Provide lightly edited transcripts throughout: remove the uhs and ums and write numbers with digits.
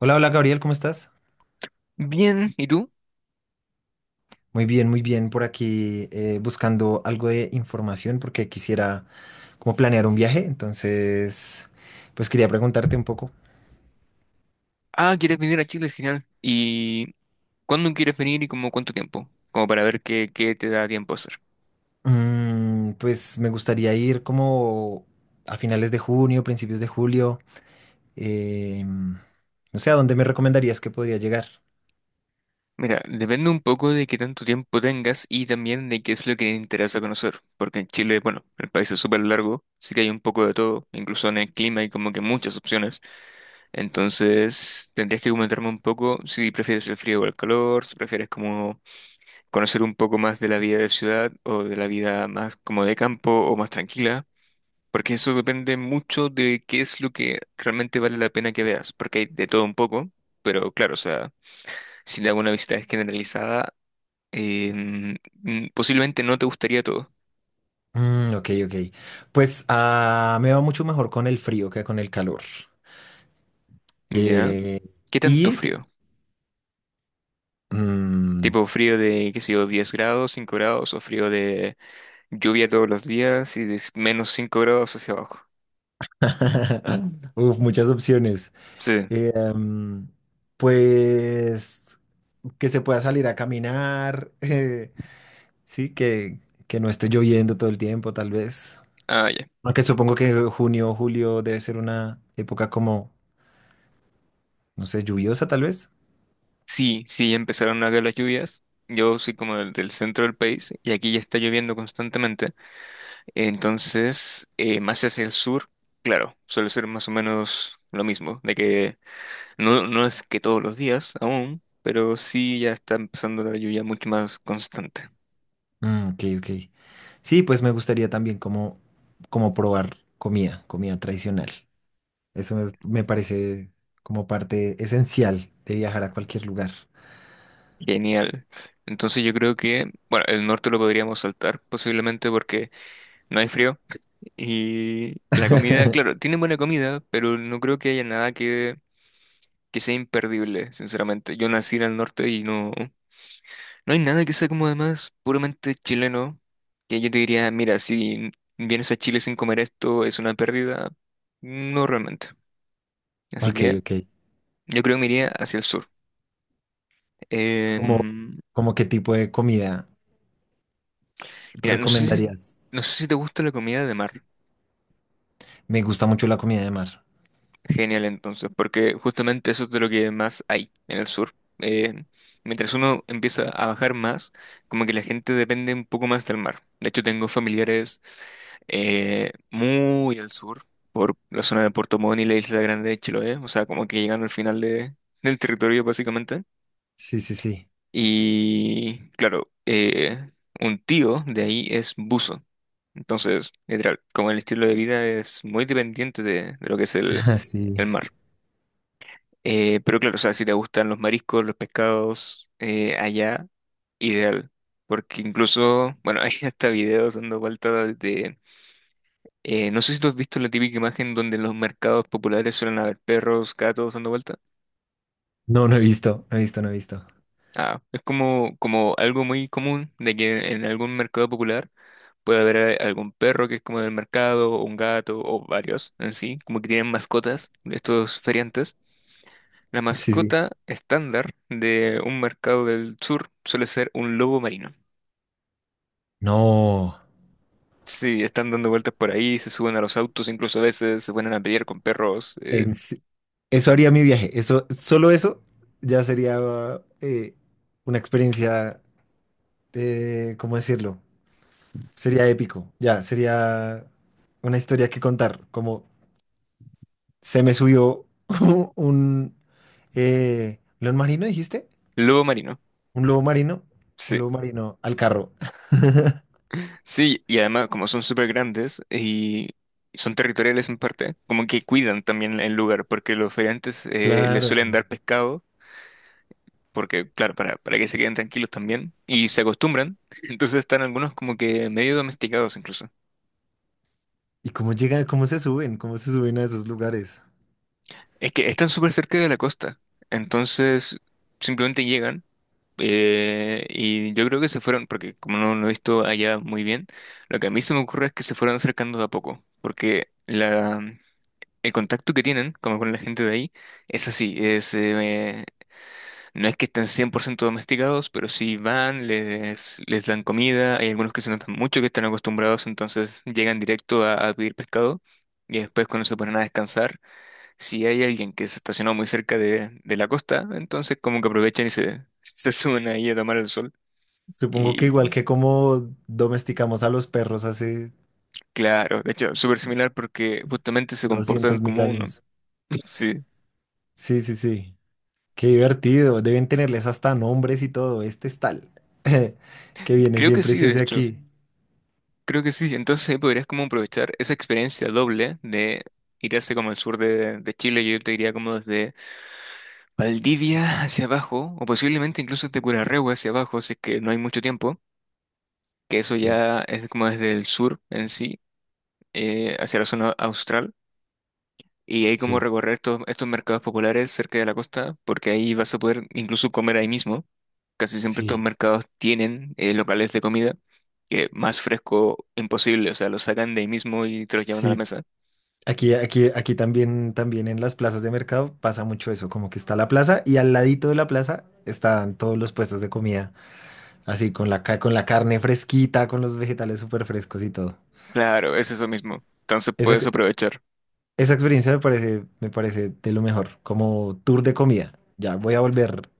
Hola, hola Gabriel, ¿cómo estás? Bien, ¿y tú? Muy bien, muy bien. Por aquí buscando algo de información porque quisiera como planear un viaje. Entonces, pues quería preguntarte un poco. Ah, ¿quieres venir a Chile? Genial. ¿Y cuándo quieres venir y como cuánto tiempo? Como para ver qué te da tiempo a hacer. Pues me gustaría ir como a finales de junio, principios de julio. em, no sé, ¿a dónde me recomendarías que podría llegar? Mira, depende un poco de qué tanto tiempo tengas y también de qué es lo que te interesa conocer. Porque en Chile, bueno, el país es súper largo, sí que hay un poco de todo, incluso en el clima hay como que muchas opciones. Entonces, tendrías que comentarme un poco si prefieres el frío o el calor, si prefieres como conocer un poco más de la vida de ciudad o de la vida más como de campo o más tranquila. Porque eso depende mucho de qué es lo que realmente vale la pena que veas, porque hay de todo un poco, pero claro, o sea, si le hago una visita generalizada, posiblemente no te gustaría todo, Mm, ok, ok. Pues me va mucho mejor con el frío que con el calor. ¿ya? Eh, ¿Qué tanto y frío? mm, Tipo frío de, qué sé yo, 10 grados, 5 grados, o frío de lluvia todos los días y de menos 5 grados hacia abajo. Uf, muchas opciones. Sí, Eh, em, pues que se pueda salir a caminar, sí, que no esté lloviendo todo el tiempo, tal vez. ah, ya. Aunque supongo que junio o julio debe ser una época como, no sé, lluviosa, tal vez. Sí, sí, ya empezaron a caer las lluvias. Yo soy como del centro del país y aquí ya está lloviendo constantemente. Entonces, más hacia el sur, claro, suele ser más o menos lo mismo, de que no, no es que todos los días aún, pero sí ya está empezando la lluvia mucho más constante. Mm, ok, ok. Sí, pues me gustaría también como, como probar comida, comida tradicional. Eso me parece como parte esencial de viajar a cualquier lugar. Genial. Entonces yo creo que, bueno, el norte lo podríamos saltar posiblemente porque no hay frío y la comida, claro, tiene buena comida, pero no creo que haya nada que sea imperdible, sinceramente. Yo nací en el norte y no. No hay nada que sea como además puramente chileno, que yo te diría, mira, si vienes a Chile sin comer esto es una pérdida. No realmente. Así Ok, que ok. yo creo que me iría hacia el sur. Como Em, como qué tipo de comida mira, no sé si, recomendarías? no sé si te gusta la comida de mar. Me gusta mucho la comida de mar. Genial entonces, porque justamente eso es de lo que más hay en el sur. Mientras uno empieza a bajar más, como que la gente depende un poco más del mar. De hecho, tengo familiares muy al sur, por la zona de Puerto Montt y la Isla Grande de Chiloé, o sea, como que llegando al final de, del territorio básicamente. Sí, sí, sí. Y claro, un tío de ahí es buzo. Entonces, literal, como el estilo de vida es muy dependiente de lo que es Ah, el sí. mar. Pero claro, o sea, si te gustan los mariscos, los pescados, allá, ideal. Porque incluso, bueno, hay hasta videos dando vueltas de no sé si tú has visto la típica imagen donde en los mercados populares suelen haber perros, gatos dando vuelta. No, no he visto, no he visto, no he visto. Ah, es como, como algo muy común de que en algún mercado popular puede haber algún perro que es como del mercado, o un gato, o varios en sí, como que tienen mascotas de estos feriantes. La Sí, sí. mascota estándar de un mercado del sur suele ser un lobo marino. No. Sí, están dando vueltas por ahí, se suben a los autos, incluso a veces se ponen a pelear con perros. En se- eso haría mi viaje. Eso, solo eso ya sería eh, una experiencia, ¿cómo decirlo? Sería épico. Ya, sería una historia que contar. Como se me subió un león marino, dijiste. Lobo marino. Un lobo marino, un Sí, lobo marino al carro. sí, y además como son súper grandes y son territoriales en parte, como que cuidan también el lugar, porque los feriantes les Claro. suelen dar pescado, porque claro, para que se queden tranquilos también, y se acostumbran, entonces están algunos como que medio domesticados incluso. ¿Y cómo llegan, cómo se suben a esos lugares? Es que están súper cerca de la costa, entonces simplemente llegan. Y yo creo que se fueron, porque como no lo he visto allá muy bien, lo que a mí se me ocurre es que se fueron acercando de a poco, porque el contacto que tienen, como con la gente de ahí, es así, es, no es que estén 100% domesticados, pero sí van, les dan comida, hay algunos que se notan mucho que están acostumbrados, entonces llegan directo a pedir pescado y después cuando se ponen a descansar, si hay alguien que se estacionó muy cerca de la costa, entonces como que aprovechan y se, se suben ahí a tomar el sol. Supongo que igual Y que como domesticamos a los perros hace claro, de hecho, súper similar porque justamente se comportan 200.000 como uno. años. Sí, Sí, sí, sí. Qué divertido. Deben tenerles hasta nombres y todo. Este es tal. Que viene creo que siempre y sí, se de hace hecho. aquí. Creo que sí, entonces ahí podrías como aprovechar esa experiencia doble de ir hacia como el sur de Chile, yo te diría como desde Valdivia hacia abajo, o posiblemente incluso desde Curarrehue hacia abajo, si es que no hay mucho tiempo, que eso Sí, ya es como desde el sur en sí, hacia la zona austral, y ahí como sí, recorrer estos mercados populares cerca de la costa, porque ahí vas a poder incluso comer ahí mismo, casi siempre estos sí, mercados tienen locales de comida, que más fresco imposible, o sea, lo sacan de ahí mismo y te los llevan a la sí. mesa. Aquí, aquí, aquí también, también en las plazas de mercado pasa mucho eso, como que está la plaza y al ladito de la plaza están todos los puestos de comida. Así, con la carne fresquita, con los vegetales súper frescos y todo. Claro, es eso mismo. Entonces Esa, puedes ex- aprovechar, esa experiencia me parece de lo mejor, como tour de comida. Ya voy a volver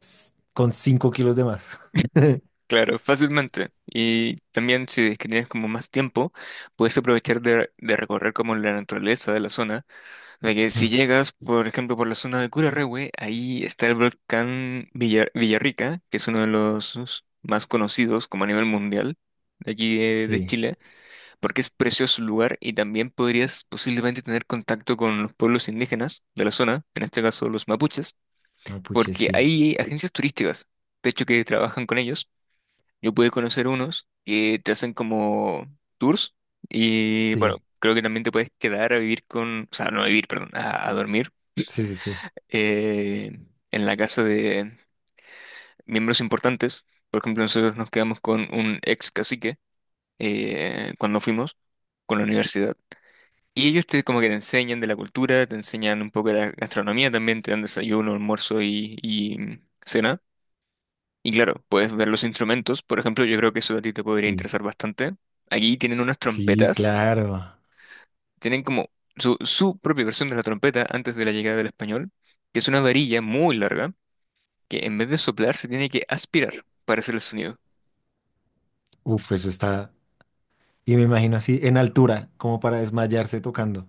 con 5 kilos de más. claro, fácilmente. Y también si es que tienes como más tiempo, puedes aprovechar de recorrer como la naturaleza de la zona. De que si Mm, llegas, por ejemplo, por la zona de Curarrehue, ahí está el volcán Villarrica, que es uno de los más conocidos como a nivel mundial de aquí de sí, Chile, porque es precioso el lugar y también podrías posiblemente tener contacto con los pueblos indígenas de la zona, en este caso los mapuches mapuche, porque sí, hay agencias turísticas, de hecho, que trabajan con ellos. Yo pude conocer unos que te hacen como tours y sí, bueno, creo que también te puedes quedar a vivir con, o sea, no a vivir, perdón, a dormir sí, sí, sí, eh, en la casa de miembros importantes. Por ejemplo, nosotros nos quedamos con un ex cacique cuando fuimos con la universidad. Y ellos te como que te enseñan de la cultura, te enseñan un poco de la gastronomía también, te dan desayuno, almuerzo y cena. Y claro, puedes ver los instrumentos. Por ejemplo, yo creo que eso a ti te podría sí, interesar bastante. Allí tienen unas sí, trompetas. claro. Tienen como su propia versión de la trompeta antes de la llegada del español, que es una varilla muy larga que en vez de soplar se tiene que aspirar para hacer el sonido. Uf, eso está, y me imagino así en altura, como para desmayarse tocando.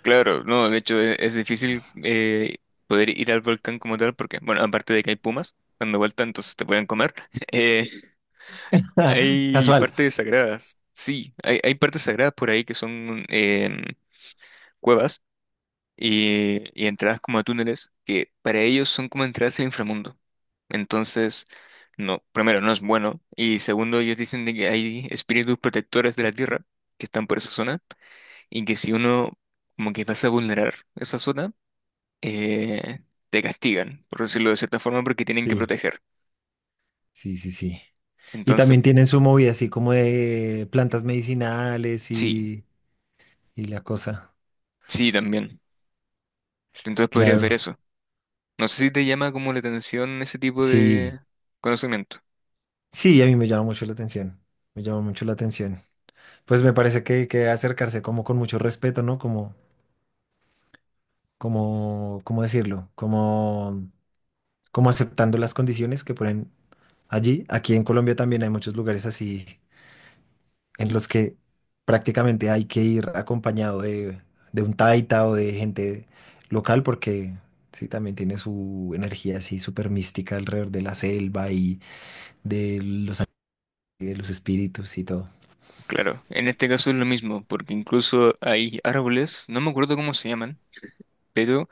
Claro, no, de hecho es, difícil poder ir al volcán como tal porque, bueno, aparte de que hay pumas dando vuelta, entonces te pueden comer. eh, hay Casual. partes sagradas. Sí, hay partes sagradas por ahí que son cuevas y entradas como a túneles que para ellos son como entradas al inframundo. Entonces, no, primero, no es bueno. Y segundo, ellos dicen de que hay espíritus protectores de la Tierra que están por esa zona y que si uno como que pasa a vulnerar esa zona, eh, te castigan, por decirlo de cierta forma, porque tienen que Sí, proteger. sí, sí, sí. Y Entonces, también tienen su movida así como de plantas medicinales sí, y la cosa. sí, también. Entonces podrías ver Claro. eso. No sé si te llama como la atención ese tipo de Sí, conocimiento. sí, a mí me llama mucho la atención. Me llama mucho la atención. Pues me parece que acercarse como con mucho respeto, ¿no? Como, como, ¿cómo decirlo? Como, como aceptando las condiciones que ponen allí. Aquí en Colombia también hay muchos lugares así en los que prácticamente hay que ir acompañado de un taita o de gente local porque sí, también tiene su energía así súper mística alrededor de la selva y de los, ani- de los espíritus y todo. Claro, en este caso es lo mismo, porque incluso hay árboles, no me acuerdo cómo se llaman, pero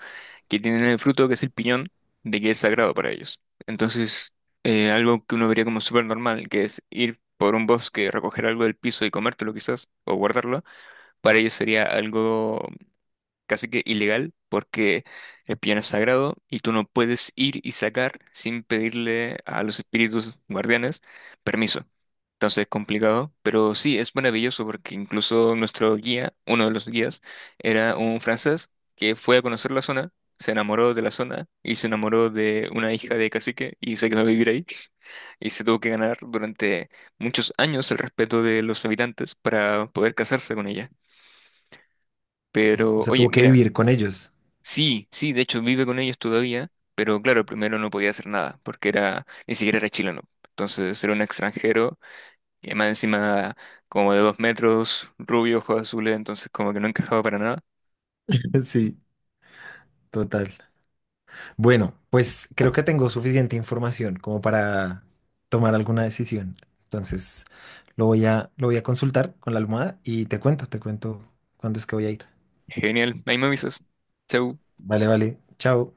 que tienen el fruto que es el piñón, de que es sagrado para ellos. Entonces, algo que uno vería como súper normal, que es ir por un bosque, recoger algo del piso y comértelo quizás, o guardarlo, para ellos sería algo casi que ilegal porque el piano es sagrado y tú no puedes ir y sacar sin pedirle a los espíritus guardianes permiso. Entonces es complicado, pero sí, es maravilloso porque incluso nuestro guía, uno de los guías, era un francés que fue a conocer la zona, se enamoró de la zona y se enamoró de una hija de cacique y se quedó a vivir ahí y se tuvo que ganar durante muchos años el respeto de los habitantes para poder casarse con ella. O Pero, sea, oye, tuvo que mira, vivir con ellos. sí, sí, de hecho vive con ellos todavía, pero claro, primero no podía hacer nada, porque era, ni siquiera era chileno. Entonces era un extranjero, y más encima como de 2 metros, rubio, ojos azules, entonces como que no encajaba para nada. Sí, total. Bueno, pues creo que tengo suficiente información como para tomar alguna decisión. Entonces, lo voy a consultar con la almohada y te cuento cuándo es que voy a ir. Genial, ahí me avisas. Chau. Vale, vale. Chao.